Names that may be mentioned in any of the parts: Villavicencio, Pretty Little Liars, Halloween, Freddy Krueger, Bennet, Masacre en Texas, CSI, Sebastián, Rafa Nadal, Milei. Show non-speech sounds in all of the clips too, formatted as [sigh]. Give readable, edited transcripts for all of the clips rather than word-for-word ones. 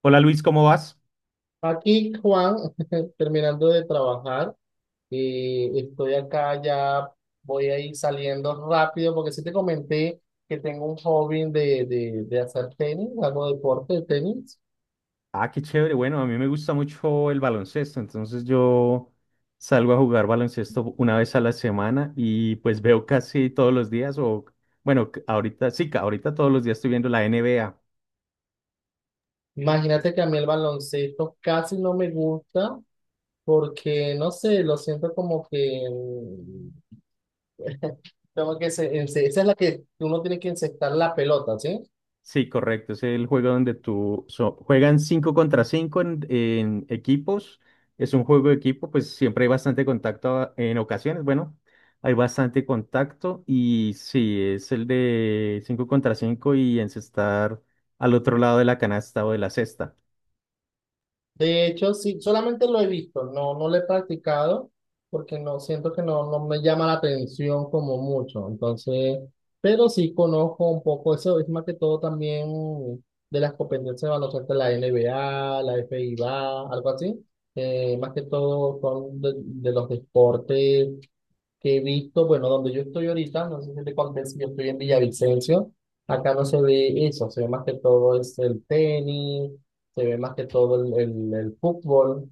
Hola Luis, ¿cómo vas? Aquí, Juan, [laughs] terminando de trabajar, estoy acá ya, voy a ir saliendo rápido porque sí te comenté que tengo un hobby de hacer tenis, hago deporte de tenis. Ah, qué chévere. Bueno, a mí me gusta mucho el baloncesto, entonces yo salgo a jugar baloncesto una vez a la semana y pues veo casi todos los días o bueno, ahorita sí, ahorita todos los días estoy viendo la NBA. Imagínate que a mí el baloncesto casi no me gusta porque, no sé, lo siento como que tengo que, esa es la que uno tiene que encestar la pelota, ¿sí? Sí, correcto. Es el juego donde juegan 5 contra 5 en equipos. Es un juego de equipo, pues siempre hay bastante contacto en ocasiones. Bueno, hay bastante contacto y sí, es el de 5 contra 5 y encestar al otro lado de la canasta o de la cesta. De hecho, sí, solamente lo he visto, no, no lo he practicado porque no siento que no me llama la atención como mucho. Entonces, pero sí conozco un poco eso, es más que todo también de las competencias de baloncesto, la NBA, la FIBA, algo así. Más que todo son de los deportes que he visto, bueno, donde yo estoy ahorita, no sé si te conté, si yo estoy en Villavicencio, acá no se ve eso, se ve más que todo es el tenis, se ve más que todo el fútbol.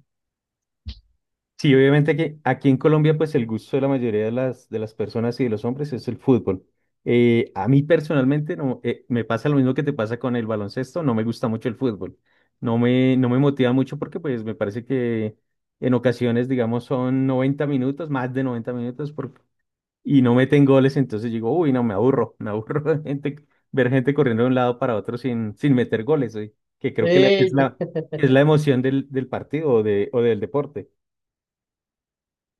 Sí, obviamente que aquí en Colombia, pues el gusto de la mayoría de las personas y de los hombres es el fútbol. A mí personalmente no, me pasa lo mismo que te pasa con el baloncesto, no me gusta mucho el fútbol. No me motiva mucho porque pues me parece que en ocasiones, digamos, son 90 minutos, más de 90 minutos, y no meten goles, entonces digo, uy, no, me aburro [laughs] de gente, ver gente corriendo de un lado para otro sin meter goles, que creo que la- Eh, es la, que es la emoción del partido o del deporte.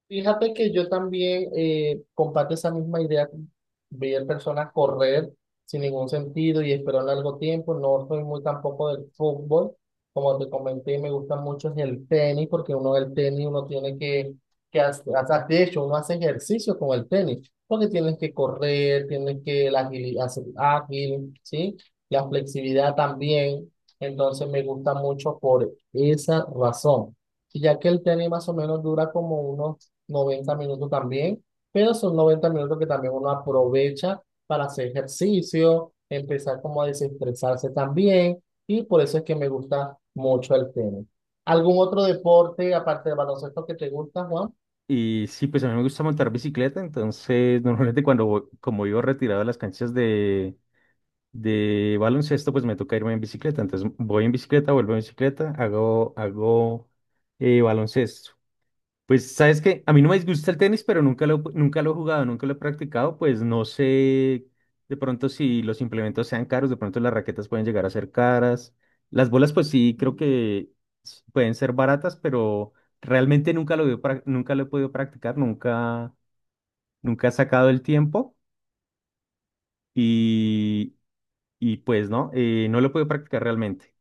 Fíjate que yo también comparto esa misma idea, ver personas correr sin ningún sentido y esperar largo tiempo. No soy muy tampoco del fútbol, como te comenté, me gusta mucho es el tenis, porque uno el tenis, uno tiene que hacer, de hecho, uno hace ejercicio con el tenis, porque tienes que correr, tienes que hacer ágil, ¿sí? La flexibilidad también. Entonces me gusta mucho por esa razón ya que el tenis más o menos dura como unos 90 minutos también, pero son 90 minutos que también uno aprovecha para hacer ejercicio, empezar como a desestresarse también, y por eso es que me gusta mucho el tenis. ¿Algún otro deporte aparte del baloncesto que te gusta, Juan? Y sí, pues a mí me gusta montar bicicleta, entonces [laughs] normalmente cuando como vivo retirado de las canchas de baloncesto, pues me toca irme en bicicleta. Entonces voy en bicicleta, vuelvo en bicicleta, hago baloncesto. Pues sabes que a mí no me disgusta el tenis, pero nunca lo he jugado, nunca lo he practicado, pues no sé de pronto si los implementos sean caros, de pronto las raquetas pueden llegar a ser caras. Las bolas pues sí creo que pueden ser baratas, pero realmente nunca lo he podido practicar, nunca he sacado el tiempo y, y pues no, no lo he podido practicar realmente.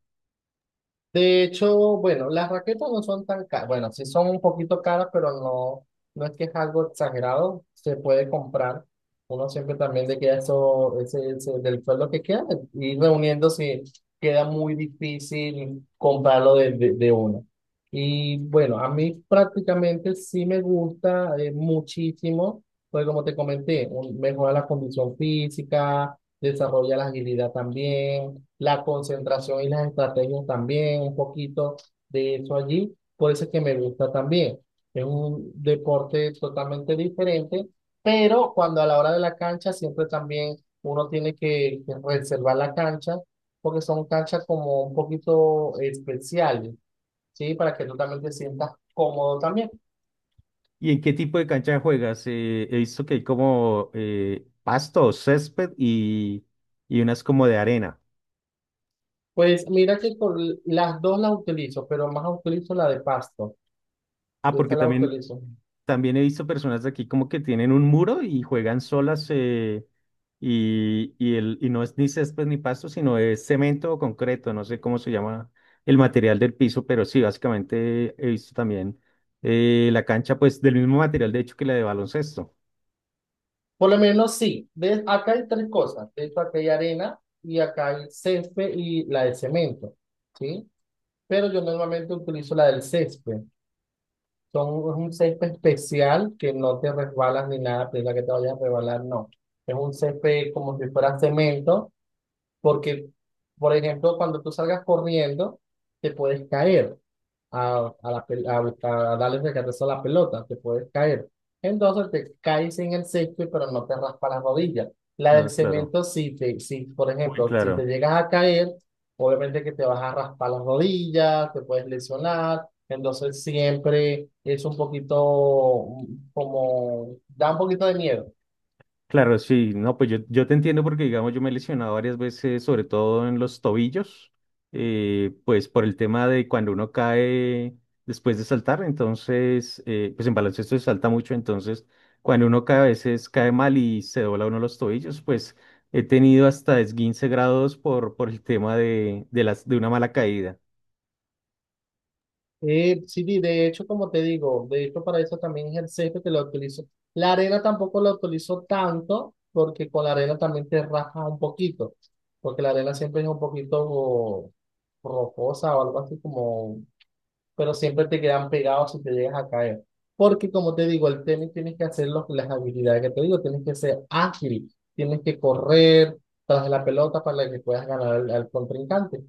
De hecho, bueno, las raquetas no son tan caras. Bueno, sí son un poquito caras, pero no, no es que es algo exagerado. Se puede comprar. Uno siempre también le queda eso, del sueldo que queda. Ir reuniendo si queda muy difícil comprarlo de uno. Y bueno, a mí prácticamente sí me gusta muchísimo, porque como te comenté, mejora la condición física, desarrolla la agilidad también, la concentración y las estrategias también, un poquito de eso allí, por eso es que me gusta también. Es un deporte totalmente diferente, pero cuando a la hora de la cancha siempre también uno tiene que reservar la cancha, porque son canchas como un poquito especiales, ¿sí? Para que tú también te sientas cómodo también. ¿Y en qué tipo de cancha juegas? He visto que hay como pasto, césped y unas como de arena. Pues mira que las dos las utilizo, pero más utilizo la de pasto. Ah, Esa porque la también, utilizo. también he visto personas de aquí como que tienen un muro y juegan solas y no es ni césped ni pasto, sino es cemento o concreto, no sé cómo se llama el material del piso, pero sí, básicamente he visto también la cancha pues del mismo material de hecho que la de baloncesto. Por lo menos sí. ¿Ves? Acá hay tres cosas. De hecho, acá hay arena y acá hay césped y la de cemento. ¿Sí? Pero yo normalmente utilizo la del césped. Son, es un césped especial que no te resbalas ni nada, pero la que te vayas a resbalar, no. Es un césped como si fuera cemento, porque, por ejemplo, cuando tú salgas corriendo, te puedes caer a darle recatezo a la pelota, te puedes caer. Entonces te caes en el césped, pero no te raspa las rodillas. La del Ah, claro. cemento, si te, si, por Muy ejemplo, si te claro. llegas a caer, obviamente que te vas a raspar las rodillas, te puedes lesionar. Entonces siempre es un poquito como, da un poquito de miedo. Claro, sí, no, pues yo te entiendo porque, digamos, yo me he lesionado varias veces, sobre todo en los tobillos, pues por el tema de cuando uno cae después de saltar, entonces, pues en baloncesto se salta mucho, entonces, cuando uno cae a veces cae mal y se dobla uno los tobillos, pues he tenido hasta esguince grados por el tema de una mala caída. Sí, de hecho, como te digo, de hecho para eso también es el césped que lo utilizo. La arena tampoco la utilizo tanto porque con la arena también te raspa un poquito, porque la arena siempre es un poquito rocosa o algo así como pero siempre te quedan pegados si te llegas a caer. Porque como te digo, el tenis tienes que hacer las habilidades que te digo, tienes que ser ágil, tienes que correr tras la pelota para que puedas ganar al contrincante.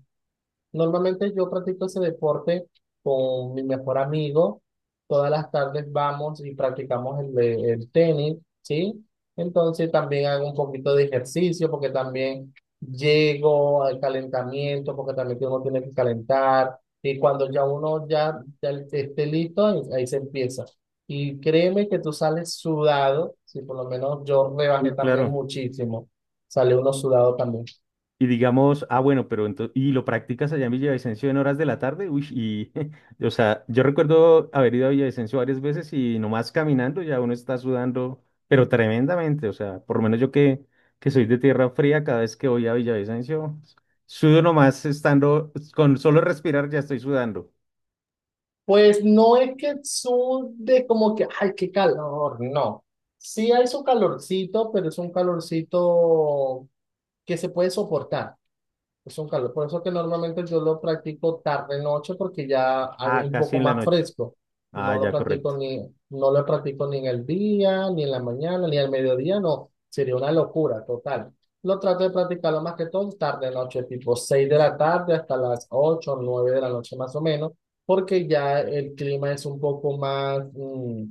Normalmente yo practico ese deporte con mi mejor amigo. Todas las tardes vamos y practicamos el, el tenis, ¿sí? Entonces también hago un poquito de ejercicio porque también llego al calentamiento, porque también uno tiene que calentar. Y cuando ya uno ya esté listo, ahí se empieza. Y créeme que tú sales sudado, si por lo menos yo Uy, rebajé también claro. muchísimo. Sale uno sudado también. Y digamos, ah, bueno, pero entonces, y lo practicas allá en Villavicencio en horas de la tarde, uy, y, [laughs] o sea, yo recuerdo haber ido a Villavicencio varias veces y nomás caminando ya uno está sudando, pero tremendamente, o sea, por lo menos yo que, soy de tierra fría, cada vez que voy a Villavicencio, sudo nomás estando, con solo respirar ya estoy sudando. Pues no es que sude como que, ay, qué calor, no. Sí hay su calorcito, pero es un calorcito que se puede soportar. Es un calor, por eso que normalmente yo lo practico tarde noche porque ya es Ah, un casi poco en la más noche. fresco. Ah, No lo ya, correcto. practico ni, no lo practico ni en el día, ni en la mañana, ni al mediodía, no. Sería una locura total. Lo trato de practicarlo más que todo tarde noche, tipo 6 de la tarde hasta las 8 o 9 de la noche más o menos, porque ya el clima es un poco más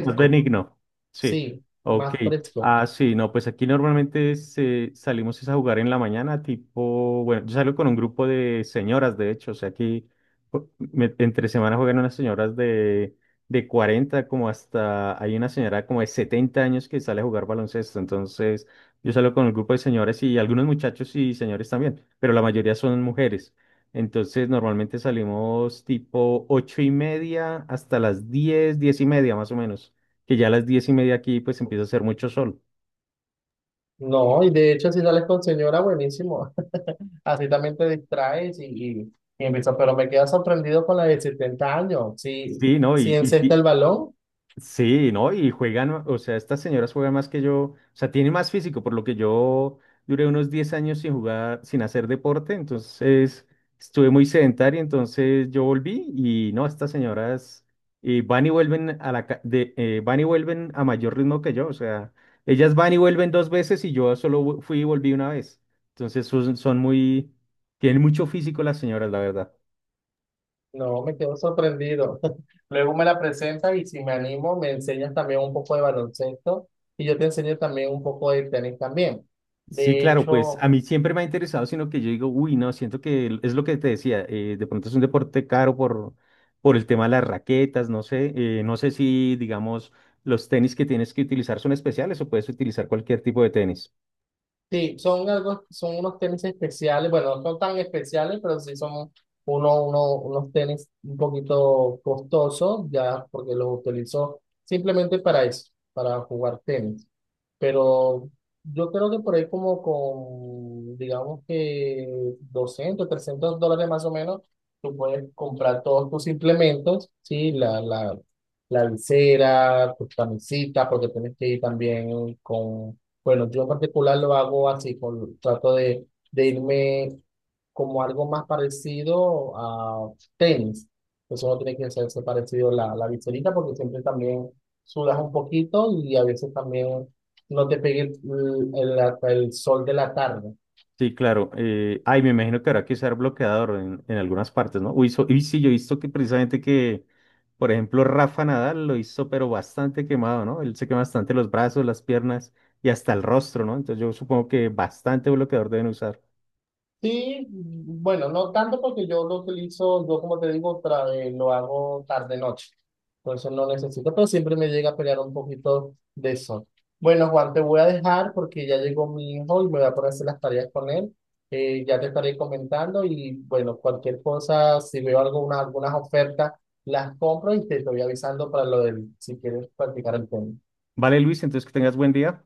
Más benigno, sí. sí, Ok. más fresco. Ah, sí, no, pues aquí normalmente salimos es a jugar en la mañana, tipo, bueno, yo salgo con un grupo de señoras, de hecho, o sea, aquí entre semana juegan unas señoras de 40 como hasta, hay una señora como de 70 años que sale a jugar baloncesto, entonces yo salgo con un grupo de señoras y algunos muchachos y señores también, pero la mayoría son mujeres. Entonces normalmente salimos tipo ocho y media hasta las diez, diez y media más o menos que ya a las diez y media aquí pues empieza a hacer mucho sol. No, y de hecho si sales con señora, buenísimo. Así también te distraes y empiezas, pero me quedo sorprendido con la de 70 años. Si, Sí, ¿no? si encesta el balón, Sí, ¿no? Y juegan, o sea, estas señoras juegan más que yo, o sea, tienen más físico, por lo que yo duré unos 10 años sin jugar, sin hacer deporte, entonces estuve muy sedentario, entonces yo volví y no, estas señoras van y vuelven a la, ca- de, van y vuelven a mayor ritmo que yo, o sea, ellas van y vuelven dos veces y yo solo fui y volví una vez. Entonces son muy, tienen mucho físico las señoras, la verdad. no, me quedo sorprendido. [laughs] Luego me la presentas y si me animo, me enseñas también un poco de baloncesto y yo te enseño también un poco de tenis también. Sí, De claro, pues a hecho, mí siempre me ha interesado, sino que yo digo, uy, no, siento que es lo que te decía, de pronto es un deporte caro por, el tema de las raquetas, no sé, no sé si, digamos, los tenis que tienes que utilizar son especiales o puedes utilizar cualquier tipo de tenis. sí, son algo, son unos tenis especiales, bueno, no son tan especiales, pero sí son unos tenis un poquito costosos, ya porque los utilizo simplemente para eso, para jugar tenis. Pero yo creo que por ahí como con, digamos que 200 $300 más o menos, tú puedes comprar todos tus implementos, ¿sí? La visera, tus camisetas, porque tienes que ir también con bueno, yo en particular lo hago así, con, trato de irme como algo más parecido a tenis. Pues uno tiene que hacerse parecido la viserita porque siempre también sudas un poquito y a veces también no te pegue el sol de la tarde. Sí, claro, ay, me imagino que habrá que usar bloqueador en algunas partes, ¿no? Uy, y sí, yo he visto que precisamente que, por ejemplo, Rafa Nadal lo hizo, pero bastante quemado, ¿no? Él se quema bastante los brazos, las piernas y hasta el rostro, ¿no? Entonces yo supongo que bastante bloqueador deben usar. Sí, bueno, no tanto porque yo lo utilizo, yo como te digo, lo hago tarde-noche. Entonces no necesito, pero siempre me llega a pelear un poquito de eso. Bueno, Juan, te voy a dejar porque ya llegó mi hijo y me voy a poner a hacer las tareas con él. Ya te estaré comentando y bueno, cualquier cosa, si veo alguna, algunas ofertas, las compro y te estoy avisando para lo del, si quieres practicar el tema. Vale, Luis, entonces que tengas buen día.